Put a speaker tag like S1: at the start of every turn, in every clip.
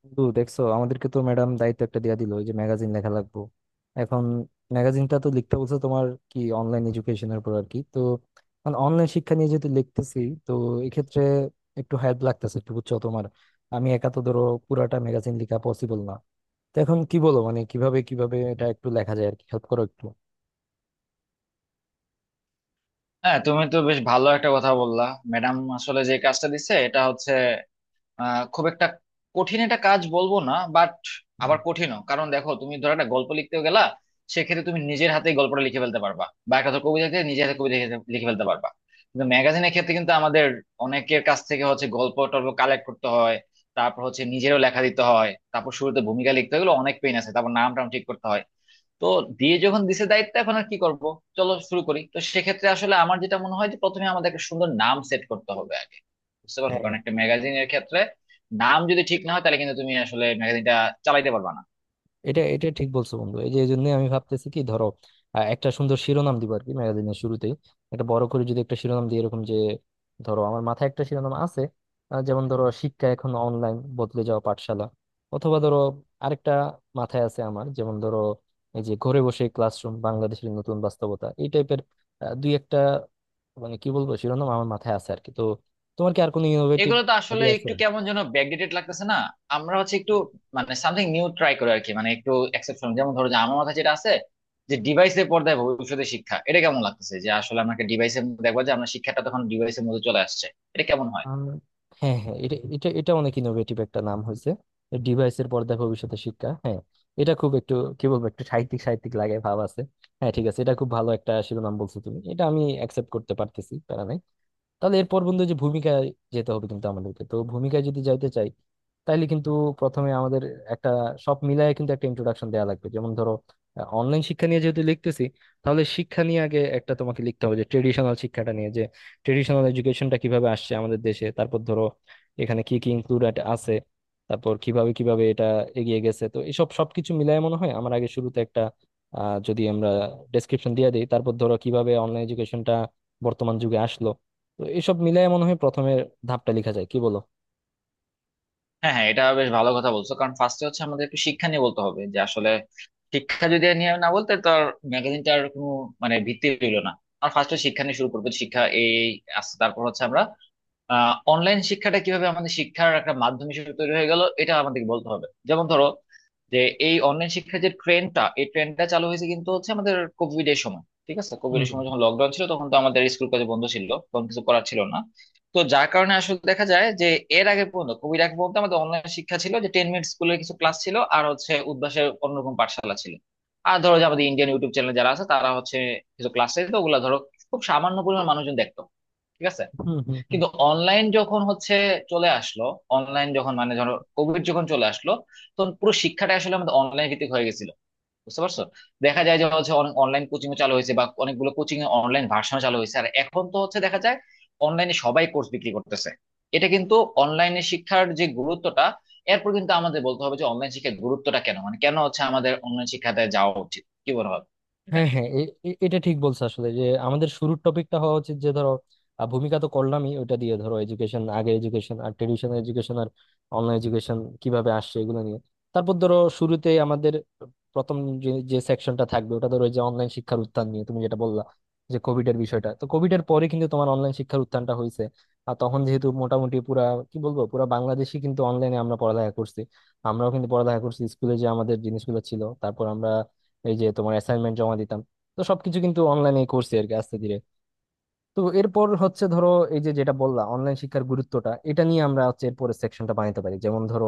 S1: বন্ধু দেখছো আমাদেরকে তো ম্যাডাম দায়িত্ব একটা দিয়া দিল, ওই যে ম্যাগাজিন লেখা লাগবো এখন। ম্যাগাজিনটা তো লিখতে বলছে তোমার, কি অনলাইন এডুকেশনের উপর আর কি। তো অনলাইন শিক্ষা নিয়ে যেহেতু লিখতেছি, তো এক্ষেত্রে একটু হেল্প লাগতেছে একটু, বুঝছো তোমার? আমি একা তো ধরো পুরাটা ম্যাগাজিন লেখা পসিবল না। তো এখন কি বলো, মানে কিভাবে কিভাবে এটা একটু লেখা যায় আর কি, হেল্প করো একটু।
S2: হ্যাঁ, তুমি তো বেশ ভালো একটা কথা বললা। ম্যাডাম আসলে যে কাজটা দিছে এটা হচ্ছে খুব একটা কঠিন একটা কাজ বলবো না, বাট আবার কঠিনও। কারণ দেখো, তুমি ধরো একটা গল্প লিখতে গেলা, সেক্ষেত্রে তুমি নিজের হাতে গল্পটা লিখে ফেলতে পারবা, বা একটা ধরো কবিতা লিখে নিজের হাতে কবিতা লিখে লিখে ফেলতে পারবা। কিন্তু ম্যাগাজিনের ক্ষেত্রে কিন্তু আমাদের অনেকের কাছ থেকে হচ্ছে গল্প টল্প কালেক্ট করতে হয়, তারপর হচ্ছে নিজেরও লেখা দিতে হয়, তারপর শুরুতে ভূমিকা লিখতে হলে অনেক পেইন আছে, তারপর নাম টাম ঠিক করতে হয়। তো দিয়ে যখন দিছে দায়িত্ব, এখন আর কি করব, চলো শুরু করি। তো সেক্ষেত্রে আসলে আমার যেটা মনে হয়, যে প্রথমে আমাদের একটা সুন্দর নাম সেট করতে হবে আগে, বুঝতে পারছো?
S1: হ্যাঁ,
S2: কারণ একটা ম্যাগাজিনের ক্ষেত্রে নাম যদি ঠিক না হয়, তাহলে কিন্তু তুমি আসলে ম্যাগাজিনটা চালাইতে পারবা না।
S1: এটা এটা ঠিক বলছো বন্ধু। এই যে, এই জন্য আমি ভাবতেছি কি, ধরো একটা সুন্দর শিরোনাম দিব আর কি ম্যাগাজিনের শুরুতেই। একটা বড় করে যদি একটা শিরোনাম দিই, এরকম যে, ধরো আমার মাথায় একটা শিরোনাম আছে যেমন ধরো, শিক্ষা এখন অনলাইন, বদলে যাওয়া পাঠশালা। অথবা ধরো আরেকটা মাথায় আছে আমার, যেমন ধরো এই যে ঘরে বসে ক্লাসরুম, বাংলাদেশের নতুন বাস্তবতা, এই টাইপের দুই একটা মানে কি বলবো শিরোনাম আমার মাথায় আছে আর কি। তো তোমার কি আর কোনো ইনোভেটিভ
S2: এগুলো তো আসলে
S1: আইডিয়া আছে?
S2: একটু কেমন যেন ব্যাকডেটেড লাগতেছে না? আমরা হচ্ছে একটু মানে সামথিং নিউ ট্রাই করি আর কি, মানে একটু এক্সেপশন। যেমন ধরো যে আমার মাথায় যেটা আছে, যে ডিভাইসের পর্দায় ভবিষ্যতে শিক্ষা, এটা কেমন লাগতেছে? যে আসলে আমরা ডিভাইসের দেখবো, যে আমরা শিক্ষাটা তখন ডিভাইসের মধ্যে চলে আসছে, এটা কেমন হয়?
S1: আম, হ্যাঁ হ্যাঁ, এটা এটা এটা অনেক ইনোভেটিভ একটা নাম হয়েছে, ডিভাইসের পর্দায় ভবিষ্যতে শিক্ষা। হ্যাঁ, এটা খুব একটু কি বলবো, একটু সাহিত্যিক সাহিত্যিক লাগে, ভাব আছে। হ্যাঁ ঠিক আছে, এটা খুব ভালো একটা শিরোনাম বলছো তুমি, এটা আমি অ্যাকসেপ্ট করতে পারতেছি, প্যারা নাই। তাহলে এরপর বন্ধু যে ভূমিকায় যেতে হবে কিন্তু আমাদেরকে, তো ভূমিকায় যদি যাইতে চাই তাইলে কিন্তু প্রথমে আমাদের একটা সব মিলায় কিন্তু একটা ইন্ট্রোডাকশন দেওয়া লাগবে। যেমন ধরো, অনলাইন শিক্ষা নিয়ে যেহেতু লিখতেছি, তাহলে শিক্ষা নিয়ে আগে একটা তোমাকে লিখতে হবে, যে ট্রেডিশনাল শিক্ষাটা নিয়ে, ট্রেডিশনাল এডুকেশনটা কিভাবে আসছে আমাদের দেশে। তারপর ধরো এখানে কি কি ইনক্লুডেড আছে, তারপর কিভাবে কিভাবে এটা এগিয়ে গেছে। তো এসব সবকিছু মিলায় মনে হয় আমার আগে শুরুতে একটা যদি আমরা ডেসক্রিপশন দিয়ে দিই, তারপর ধরো কিভাবে অনলাইন এডুকেশনটা বর্তমান যুগে আসলো। তো এসব মিলায় মনে হয় প্রথমের ধাপটা লেখা যায়, কি বলো?
S2: হ্যাঁ, হ্যাঁ, এটা বেশ ভালো কথা বলছো। কারণ ফার্স্টে হচ্ছে আমাদের একটু শিক্ষা নিয়ে বলতে হবে, যে আসলে শিক্ষা যদি আর নিয়ে না বলতে, তো ম্যাগাজিনটার কোনো মানে ভিত্তি রইলো না। আর ফার্স্টে শিক্ষা নিয়ে শুরু করবো, শিক্ষা এই আসছে, তারপর হচ্ছে আমরা অনলাইন শিক্ষাটা কিভাবে আমাদের শিক্ষার একটা মাধ্যম হিসেবে তৈরি হয়ে গেল, এটা আমাদেরকে বলতে হবে। যেমন ধরো যে এই অনলাইন শিক্ষার যে ট্রেন্ডটা, এই ট্রেন্ডটা চালু হয়েছে কিন্তু হচ্ছে আমাদের কোভিড এর সময়। ঠিক আছে, কোভিড
S1: হুম
S2: এর
S1: হুম
S2: সময় যখন লকডাউন ছিল, তখন তো আমাদের স্কুল কলেজ বন্ধ ছিল, তখন কিছু করার ছিল না। তো যার কারণে আসলে দেখা যায় যে এর আগে পর্যন্ত কোভিড আগে পর্যন্ত আমাদের অনলাইন শিক্ষা ছিল যে টেন মিনিট স্কুলের কিছু ক্লাস ছিল, আর হচ্ছে উদ্ভাসের অন্যরকম পাঠশালা ছিল। আর ধরো যে আমাদের ইন্ডিয়ান ইউটিউব চ্যানেল যারা আছে, তারা হচ্ছে কিছু ক্লাস, তো ওগুলা ধরো খুব সামান্য পরিমাণ মানুষজন দেখতো, ঠিক আছে।
S1: হুম হুম হুম।
S2: কিন্তু অনলাইন যখন হচ্ছে চলে আসলো, অনলাইন যখন মানে ধরো কোভিড যখন চলে আসলো, তখন পুরো শিক্ষাটা আসলে আমাদের অনলাইন ভিত্তিক হয়ে গেছিল, বুঝতে পারছো? দেখা যায় যে হচ্ছে অনেক অনলাইন কোচিং চালু হয়েছে, বা অনেকগুলো কোচিং এ অনলাইন ভার্সন চালু হয়েছে, আর এখন তো হচ্ছে দেখা যায় অনলাইনে সবাই কোর্স বিক্রি করতেছে। এটা কিন্তু অনলাইনে শিক্ষার যে গুরুত্বটা, এরপর কিন্তু আমাদের বলতে হবে, যে অনলাইন শিক্ষার গুরুত্বটা কেন, মানে কেন হচ্ছে আমাদের অনলাইন শিক্ষাতে যাওয়া উচিত, কি বলা হবে এটা
S1: হ্যাঁ
S2: নিয়ে।
S1: হ্যাঁ, এটা ঠিক বলছো আসলে, যে আমাদের শুরুর টপিকটা হওয়া উচিত, যে ধরো ভূমিকা তো করলামই ওইটা দিয়ে, ধরো এডুকেশন আগে, এডুকেশন আর ট্রেডিশনাল এডুকেশন আর অনলাইন এডুকেশন কিভাবে আসছে এগুলো নিয়ে। তারপর ধরো শুরুতেই আমাদের প্রথম যে যে সেকশনটা থাকবে ওটা ধরো ওই যে অনলাইন শিক্ষার উত্থান নিয়ে তুমি যেটা বললা, যে কোভিড এর বিষয়টা। তো কোভিড এর পরে কিন্তু তোমার অনলাইন শিক্ষার উত্থানটা হয়েছে, আর তখন যেহেতু মোটামুটি পুরা কি বলবো পুরা বাংলাদেশই কিন্তু অনলাইনে আমরা পড়ালেখা করছি। আমরাও কিন্তু পড়ালেখা করছি, স্কুলে যে আমাদের জিনিসগুলো ছিল তারপর আমরা এই যে তোমার অ্যাসাইনমেন্ট জমা দিতাম, তো সবকিছু কিন্তু অনলাইনে করছি আর কি আস্তে ধীরে। তো এরপর হচ্ছে ধরো এই যে যেটা বললা, অনলাইন শিক্ষার গুরুত্বটা, এটা নিয়ে আমরা হচ্ছে এরপরের সেকশনটা বানাতে পারি। যেমন ধরো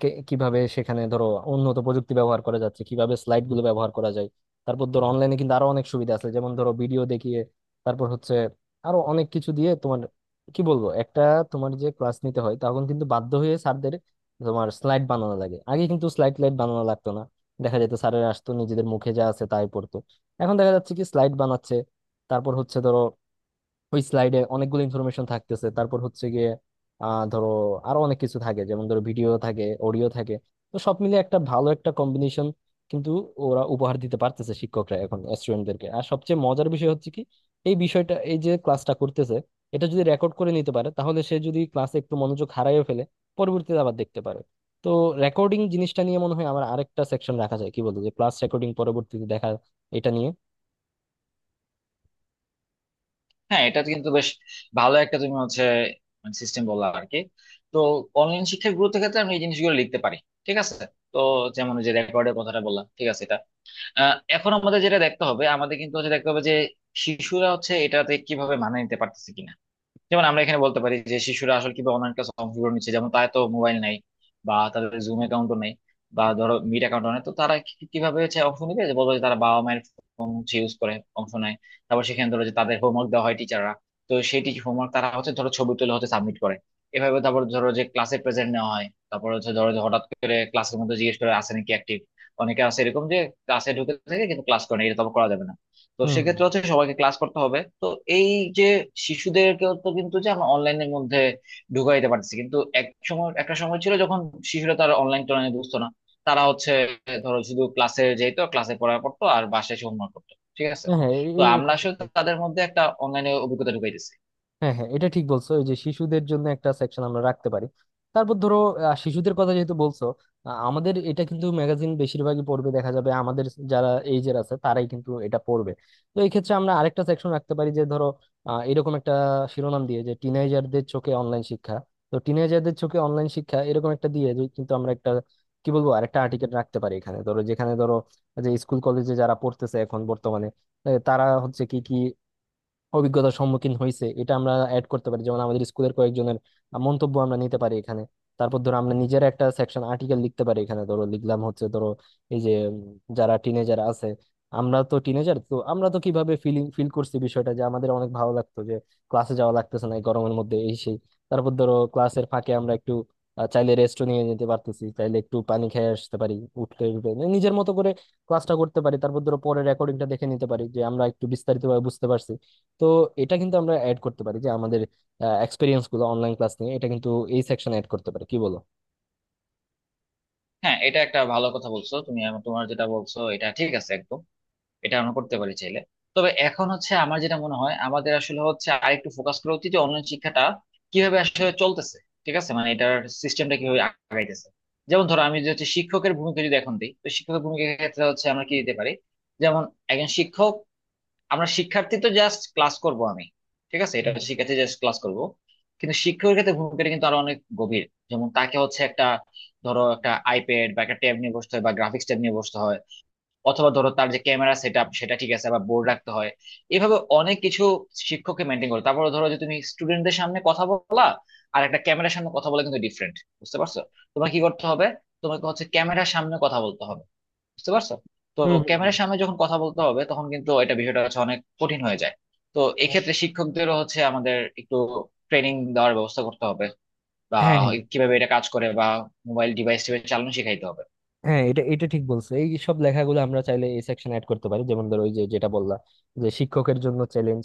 S1: কিভাবে সেখানে ধরো উন্নত প্রযুক্তি ব্যবহার করা যাচ্ছে, কিভাবে স্লাইড গুলো ব্যবহার করা যায়। তারপর ধরো অনলাইনে কিন্তু আরো অনেক সুবিধা আছে, যেমন ধরো ভিডিও দেখিয়ে, তারপর হচ্ছে আরো অনেক কিছু দিয়ে তোমার কি বলবো একটা, তোমার যে ক্লাস নিতে হয় তখন কিন্তু বাধ্য হয়ে স্যারদের তোমার স্লাইড বানানো লাগে। আগে কিন্তু স্লাইড স্লাইড বানানো লাগতো না, দেখা যেত স্যারের আসতো নিজেদের মুখে যা আছে তাই পড়তো। এখন দেখা যাচ্ছে কি স্লাইড বানাচ্ছে, তারপর হচ্ছে ধরো ওই স্লাইডে অনেকগুলো ইনফরমেশন থাকতেছে, তারপর হচ্ছে গিয়ে ধরো আরো অনেক কিছু থাকে, যেমন ধরো ভিডিও থাকে, অডিও থাকে। তো সব মিলে একটা ভালো একটা কম্বিনেশন কিন্তু ওরা উপহার দিতে পারতেছে শিক্ষকরা এখন স্টুডেন্টদেরকে। আর সবচেয়ে মজার বিষয় হচ্ছে কি, এই বিষয়টা, এই যে ক্লাসটা করতেছে এটা যদি রেকর্ড করে নিতে পারে, তাহলে সে যদি ক্লাসে একটু মনোযোগ হারাইও ফেলে পরবর্তীতে আবার দেখতে পারে। তো রেকর্ডিং জিনিসটা নিয়ে মনে হয় আমার আরেকটা সেকশন রাখা যায়, কি বলতো, যে ক্লাস রেকর্ডিং পরবর্তীতে দেখা, এটা নিয়ে।
S2: হ্যাঁ, এটা তো কিন্তু বেশ ভালো একটা তুমি হচ্ছে সিস্টেম বললা আর কি। তো অনলাইন শিক্ষার গুরুত্বের ক্ষেত্রে আমি এই জিনিসগুলো লিখতে পারি, ঠিক আছে। তো যেমন ওই যে রেকর্ডের কথাটা বললাম, ঠিক আছে, এটা এখন আমাদের যেটা দেখতে হবে, আমাদের কিন্তু হচ্ছে দেখতে হবে যে শিশুরা হচ্ছে এটাতে কিভাবে মানিয়ে নিতে পারতেছে কিনা। যেমন আমরা এখানে বলতে পারি যে শিশুরা আসলে কিভাবে অনলাইন ক্লাস অংশগ্রহণ নিচ্ছে, যেমন তাদের তো মোবাইল নাই, বা তাদের জুম অ্যাকাউন্টও নেই, বা ধরো মিট অ্যাকাউন্ট নেই, তো তারা কিভাবে হচ্ছে অংশ নিবে? যে বলবো যে তারা বাবা মায়ের ফোন হচ্ছে ইউজ করে অংশ নেয়। তারপর সেখানে ধরো যে তাদের হোমওয়ার্ক দেওয়া হয় টিচাররা, তো সেই টিচার হোমওয়ার্ক তারা হচ্ছে ধরো ছবি তুলে হচ্ছে সাবমিট করে এভাবে। তারপর ধরো যে ক্লাসে প্রেজেন্ট নেওয়া হয়, তারপর হচ্ছে ধরো যে হঠাৎ করে ক্লাসের মধ্যে জিজ্ঞেস করে আছে নাকি অ্যাক্টিভ। অনেকে আছে এরকম যে ক্লাসে ঢুকে থাকে কিন্তু ক্লাস করে না, এটা তো আবার করা যাবে না। তো
S1: হুম হুম।
S2: সেক্ষেত্রে হচ্ছে সবাইকে ক্লাস করতে হবে। তো এই যে শিশুদেরকে তো কিন্তু যে আমরা অনলাইনের মধ্যে ঢুকাই দিতে পারতেছি, কিন্তু এক সময় একটা সময় ছিল যখন শিশুরা তারা অনলাইন টনলাইন বুঝতো না, তারা হচ্ছে ধরো শুধু ক্লাসে যেত, ক্লাসে পড়া পড়তো আর বাসায় এসে হোমওয়ার্ক করতো, ঠিক আছে।
S1: হ্যাঁ হ্যাঁ,
S2: তো আমরা
S1: এটা ঠিক
S2: আসলে
S1: বলছো।
S2: তাদের মধ্যে একটা অনলাইনে অভিজ্ঞতা ঢুকাই দিচ্ছি।
S1: হ্যাঁ হ্যাঁ, এটা ঠিক বলছো, এই যে শিশুদের জন্য একটা সেকশন আমরা রাখতে পারি। তারপর ধরো শিশুদের কথা যেহেতু বলছো, আমাদের এটা কিন্তু ম্যাগাজিন বেশিরভাগই পড়বে দেখা যাবে আমাদের যারা এইজের আছে তারাই কিন্তু এটা পড়বে। তো এই ক্ষেত্রে আমরা আরেকটা সেকশন রাখতে পারি, যে ধরো এরকম একটা শিরোনাম দিয়ে, যে টিনেজারদের চোখে অনলাইন শিক্ষা। তো টিনেজারদের চোখে অনলাইন শিক্ষা, এরকম একটা দিয়ে যে কিন্তু আমরা একটা কি বলবো আরেকটা আর্টিকেল রাখতে পারি এখানে। ধরো যেখানে ধরো যে স্কুল কলেজে যারা পড়তেছে এখন বর্তমানে, তারা হচ্ছে কি কি অভিজ্ঞতার সম্মুখীন হয়েছে, এটা আমরা অ্যাড করতে পারি। যেমন আমাদের স্কুলের কয়েকজনের মন্তব্য আমরা নিতে পারি এখানে। তারপর ধরো আমরা নিজের একটা সেকশন আর্টিকেল লিখতে পারি এখানে, ধরো লিখলাম হচ্ছে ধরো এই যে যারা টিনেজার আছে, আমরা তো টিনেজার, তো আমরা তো কিভাবে ফিলিং ফিল করছি বিষয়টা, যে আমাদের অনেক ভালো লাগতো যে ক্লাসে যাওয়া লাগতেছে না এই গরমের মধ্যে এই সেই। তারপর ধরো ক্লাসের ফাঁকে আমরা একটু চাইলে রেস্টও নিয়ে নিতে পারতেছি, চাইলে একটু পানি খেয়ে আসতে পারি, উঠতে উঠতে মানে নিজের মতো করে ক্লাসটা করতে পারি। তারপর ধরো পরে রেকর্ডিংটা দেখে নিতে পারি যে আমরা একটু বিস্তারিতভাবে বুঝতে পারছি। তো এটা কিন্তু আমরা অ্যাড করতে পারি যে আমাদের এক্সপিরিয়েন্স গুলো অনলাইন ক্লাস নিয়ে, এটা কিন্তু এই সেকশন অ্যাড করতে পারি, কি বলো?
S2: হ্যাঁ, এটা একটা ভালো কথা বলছো তুমি। তোমার যেটা বলছো এটা ঠিক আছে একদম, এটা আমরা করতে পারি চাইলে। তবে এখন হচ্ছে আমার যেটা মনে হয়, আমাদের আসলে হচ্ছে আরেকটু ফোকাস করা উচিত যে অনলাইন শিক্ষাটা কিভাবে আসলে চলতেছে, ঠিক আছে, মানে এটার সিস্টেমটা কিভাবে আগাইতেছে। যেমন ধরো আমি যদি হচ্ছে শিক্ষকের ভূমিকা যদি এখন দিই, তো শিক্ষকের ভূমিকার ক্ষেত্রে হচ্ছে আমরা কি দিতে পারি, যেমন একজন শিক্ষক। আমরা শিক্ষার্থী তো জাস্ট ক্লাস করব আমি, ঠিক আছে, এটা
S1: হুম
S2: শিক্ষার্থী জাস্ট ক্লাস করব। কিন্তু শিক্ষকের ক্ষেত্রে ভূমিকাটা কিন্তু আরো অনেক গভীর। যেমন তাকে হচ্ছে একটা ধরো একটা আইপ্যাড বা একটা ট্যাব নিয়ে বসতে হয়, বা গ্রাফিক্স ট্যাব নিয়ে বসতে হয়, অথবা ধরো তার যে ক্যামেরা সেট আপ সেটা ঠিক আছে, আবার বোর্ড রাখতে হয়, এভাবে অনেক কিছু শিক্ষককে মেনটেন করে। তারপরে ধরো যে তুমি স্টুডেন্টদের সামনে কথা বলা আর একটা ক্যামেরার সামনে কথা বলা কিন্তু ডিফারেন্ট, বুঝতে পারছো? তোমার কি করতে হবে, তোমাকে হচ্ছে ক্যামেরার সামনে কথা বলতে হবে, বুঝতে পারছো? তো
S1: হুম হুম হুম।
S2: ক্যামেরার সামনে যখন কথা বলতে হবে, তখন কিন্তু এটা বিষয়টা হচ্ছে অনেক কঠিন হয়ে যায়। তো
S1: হ্যাঁ
S2: এক্ষেত্রে শিক্ষকদেরও হচ্ছে আমাদের একটু ট্রেনিং দেওয়ার ব্যবস্থা করতে হবে, বা
S1: হ্যাঁ
S2: কিভাবে এটা কাজ করে, বা মোবাইল ডিভাইস টিভাইস চালানো শেখাইতে হবে।
S1: হ্যাঁ, এটা এটা ঠিক বলছো, এই সব লেখাগুলো আমরা চাইলে এই সেকশন অ্যাড করতে পারি। যেমন ধরো ওই যে যেটা বললা, যে শিক্ষকের জন্য চ্যালেঞ্জ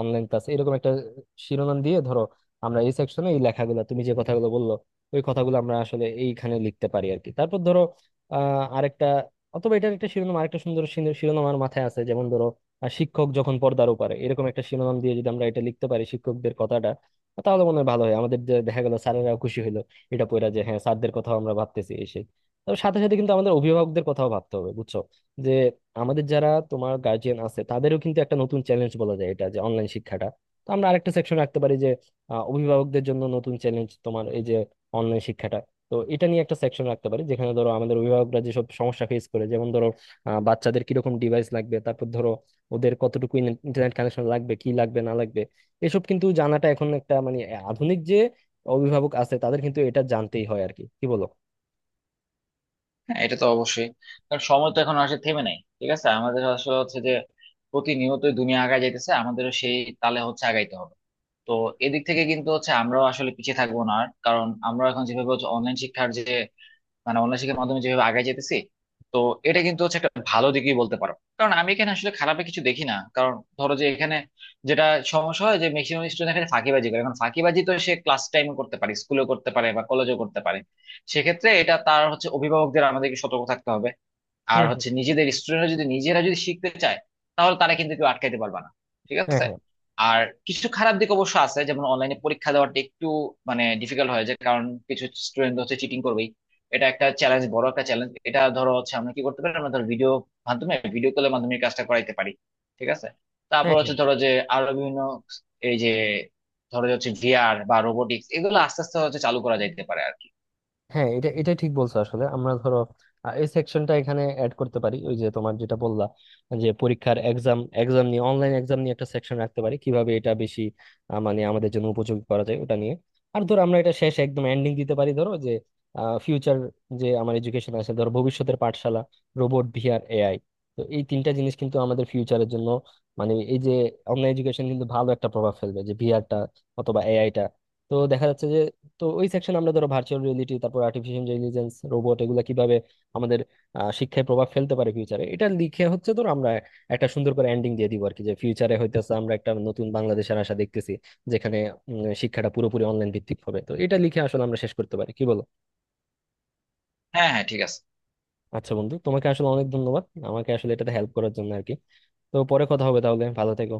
S1: অনলাইন ক্লাস, এরকম একটা শিরোনাম দিয়ে ধরো আমরা এই সেকশনে এই লেখাগুলো, তুমি যে কথাগুলো বললো ওই কথাগুলো আমরা আসলে এইখানে লিখতে পারি আর কি। তারপর ধরো আরেকটা, অথবা এটার একটা শিরোনাম আরেকটা সুন্দর শিরোনাম আমার মাথায় আছে, যেমন ধরো শিক্ষক যখন পর্দার ওপারে, এরকম একটা শিরোনাম দিয়ে যদি আমরা এটা লিখতে পারি শিক্ষকদের কথাটা, তাহলে মনে হয় ভালো হয় আমাদের। যে দেখা গেল স্যারেরাও খুশি হলো এটা পড়া, যে হ্যাঁ স্যারদের কথা আমরা ভাবতেছি। তো সাথে সাথে কিন্তু আমাদের অভিভাবকদের কথাও ভাবতে হবে বুঝছো? যে আমাদের যারা তোমার গার্জিয়ান আছে তাদেরও কিন্তু একটা নতুন চ্যালেঞ্জ বলা যায় এটা, যে অনলাইন শিক্ষাটা। তো আমরা আরেকটা সেকশন রাখতে পারি যে অভিভাবকদের জন্য নতুন চ্যালেঞ্জ, তোমার এই যে অনলাইন শিক্ষাটা। তো এটা নিয়ে একটা সেকশন রাখতে পারি, যেখানে ধরো আমাদের অভিভাবকরা যেসব সমস্যা ফেস করে, যেমন ধরো বাচ্চাদের কিরকম ডিভাইস লাগবে, তারপর ধরো ওদের কতটুকু ইন্টারনেট কানেকশন লাগবে কি লাগবে না লাগবে। এসব কিন্তু জানাটা এখন একটা মানে আধুনিক যে অভিভাবক আছে তাদের কিন্তু এটা জানতেই হয় আর কি, কি বলো?
S2: হ্যাঁ, এটা তো অবশ্যই। কারণ সময় তো এখন আসলে থেমে নাই, ঠিক আছে, আমাদের আসলে হচ্ছে যে প্রতিনিয়তই দুনিয়া আগায় যাইতেছে, আমাদেরও সেই তালে হচ্ছে আগাইতে হবে। তো এদিক থেকে কিন্তু হচ্ছে আমরাও আসলে পিছিয়ে থাকবো না আর। কারণ আমরা এখন যেভাবে হচ্ছে অনলাইন শিক্ষার যে মানে অনলাইন শিক্ষার মাধ্যমে যেভাবে আগে যেতেছি, তো এটা কিন্তু হচ্ছে একটা ভালো দিকই বলতে পারো। কারণ আমি এখানে আসলে খারাপে কিছু দেখি না। কারণ ধরো যে এখানে যেটা সমস্যা হয় যে ম্যাক্সিমাম স্টুডেন্ট এখানে ফাঁকিবাজি করে, এখন ফাঁকিবাজি তো সে ক্লাস টাইমে করতে পারে, স্কুলেও করতে পারে, বা কলেজেও করতে পারে। সেক্ষেত্রে এটা তার হচ্ছে অভিভাবকদের আমাদেরকে সতর্ক থাকতে হবে। আর
S1: হুম হুম
S2: হচ্ছে নিজেদের স্টুডেন্টরা যদি নিজেরা যদি শিখতে চায়, তাহলে তারা কিন্তু কেউ আটকাইতে পারবে না, ঠিক
S1: হ্যাঁ
S2: আছে।
S1: হ্যাঁ
S2: আর কিছু খারাপ দিক অবশ্য আছে, যেমন অনলাইনে পরীক্ষা দেওয়াটা একটু মানে ডিফিকাল্ট হয়ে যায়, কারণ কিছু স্টুডেন্ট হচ্ছে চিটিং করবেই। এটা একটা চ্যালেঞ্জ, বড় একটা চ্যালেঞ্জ। এটা ধরো হচ্ছে আমরা কি করতে পারি, আমরা ধরো ভিডিও মাধ্যমে, ভিডিও কলের মাধ্যমে এই কাজটা করাইতে পারি, ঠিক আছে। তারপর
S1: হ্যাঁ হ্যাঁ
S2: হচ্ছে ধরো যে আরো বিভিন্ন, এই যে ধরো যে হচ্ছে ভিআর বা রোবোটিক্স, এগুলো আস্তে আস্তে হচ্ছে চালু করা যাইতে পারে আর কি।
S1: হ্যাঁ, এটা এটা ঠিক বলছো আসলে। আমরা ধরো এই সেকশনটা এখানে অ্যাড করতে পারি ওই যে তোমার যেটা বললা, যে পরীক্ষার এক্সাম এক্সাম নিয়ে, অনলাইন এক্সাম নিয়ে একটা সেকশন রাখতে পারি, কিভাবে এটা বেশি মানে আমাদের জন্য উপযোগী করা যায় ওটা নিয়ে। আর ধরো আমরা এটা শেষ একদম এন্ডিং দিতে পারি ধরো যে ফিউচার, যে আমার এডুকেশন আছে ধরো, ভবিষ্যতের পাঠশালা, রোবট, ভিআর, এআই। তো এই তিনটা জিনিস কিন্তু আমাদের ফিউচারের জন্য মানে এই যে অনলাইন এডুকেশন কিন্তু ভালো একটা প্রভাব ফেলবে, যে ভিআরটা অথবা এআইটা। তো দেখা যাচ্ছে যে, তো ওই সেকশন আমরা ধরো ভার্চুয়াল রিয়েলিটি, তারপর আর্টিফিশিয়াল ইন্টেলিজেন্স, রোবট, এগুলো কিভাবে আমাদের শিক্ষায় প্রভাব ফেলতে পারে ফিউচারে, এটা লিখে হচ্ছে ধরো আমরা একটা সুন্দর করে এন্ডিং দিয়ে দিব আর কি। যে ফিউচারে হইতেছে আমরা একটা নতুন বাংলাদেশের আশা দেখতেছি, যেখানে শিক্ষাটা পুরোপুরি অনলাইন ভিত্তিক হবে। তো এটা লিখে আসলে আমরা শেষ করতে পারি, কি বলো?
S2: হ্যাঁ, হ্যাঁ, ঠিক আছে।
S1: আচ্ছা বন্ধু, তোমাকে আসলে অনেক ধন্যবাদ আমাকে আসলে এটাতে হেল্প করার জন্য আর কি। তো পরে কথা হবে তাহলে, ভালো থেকো।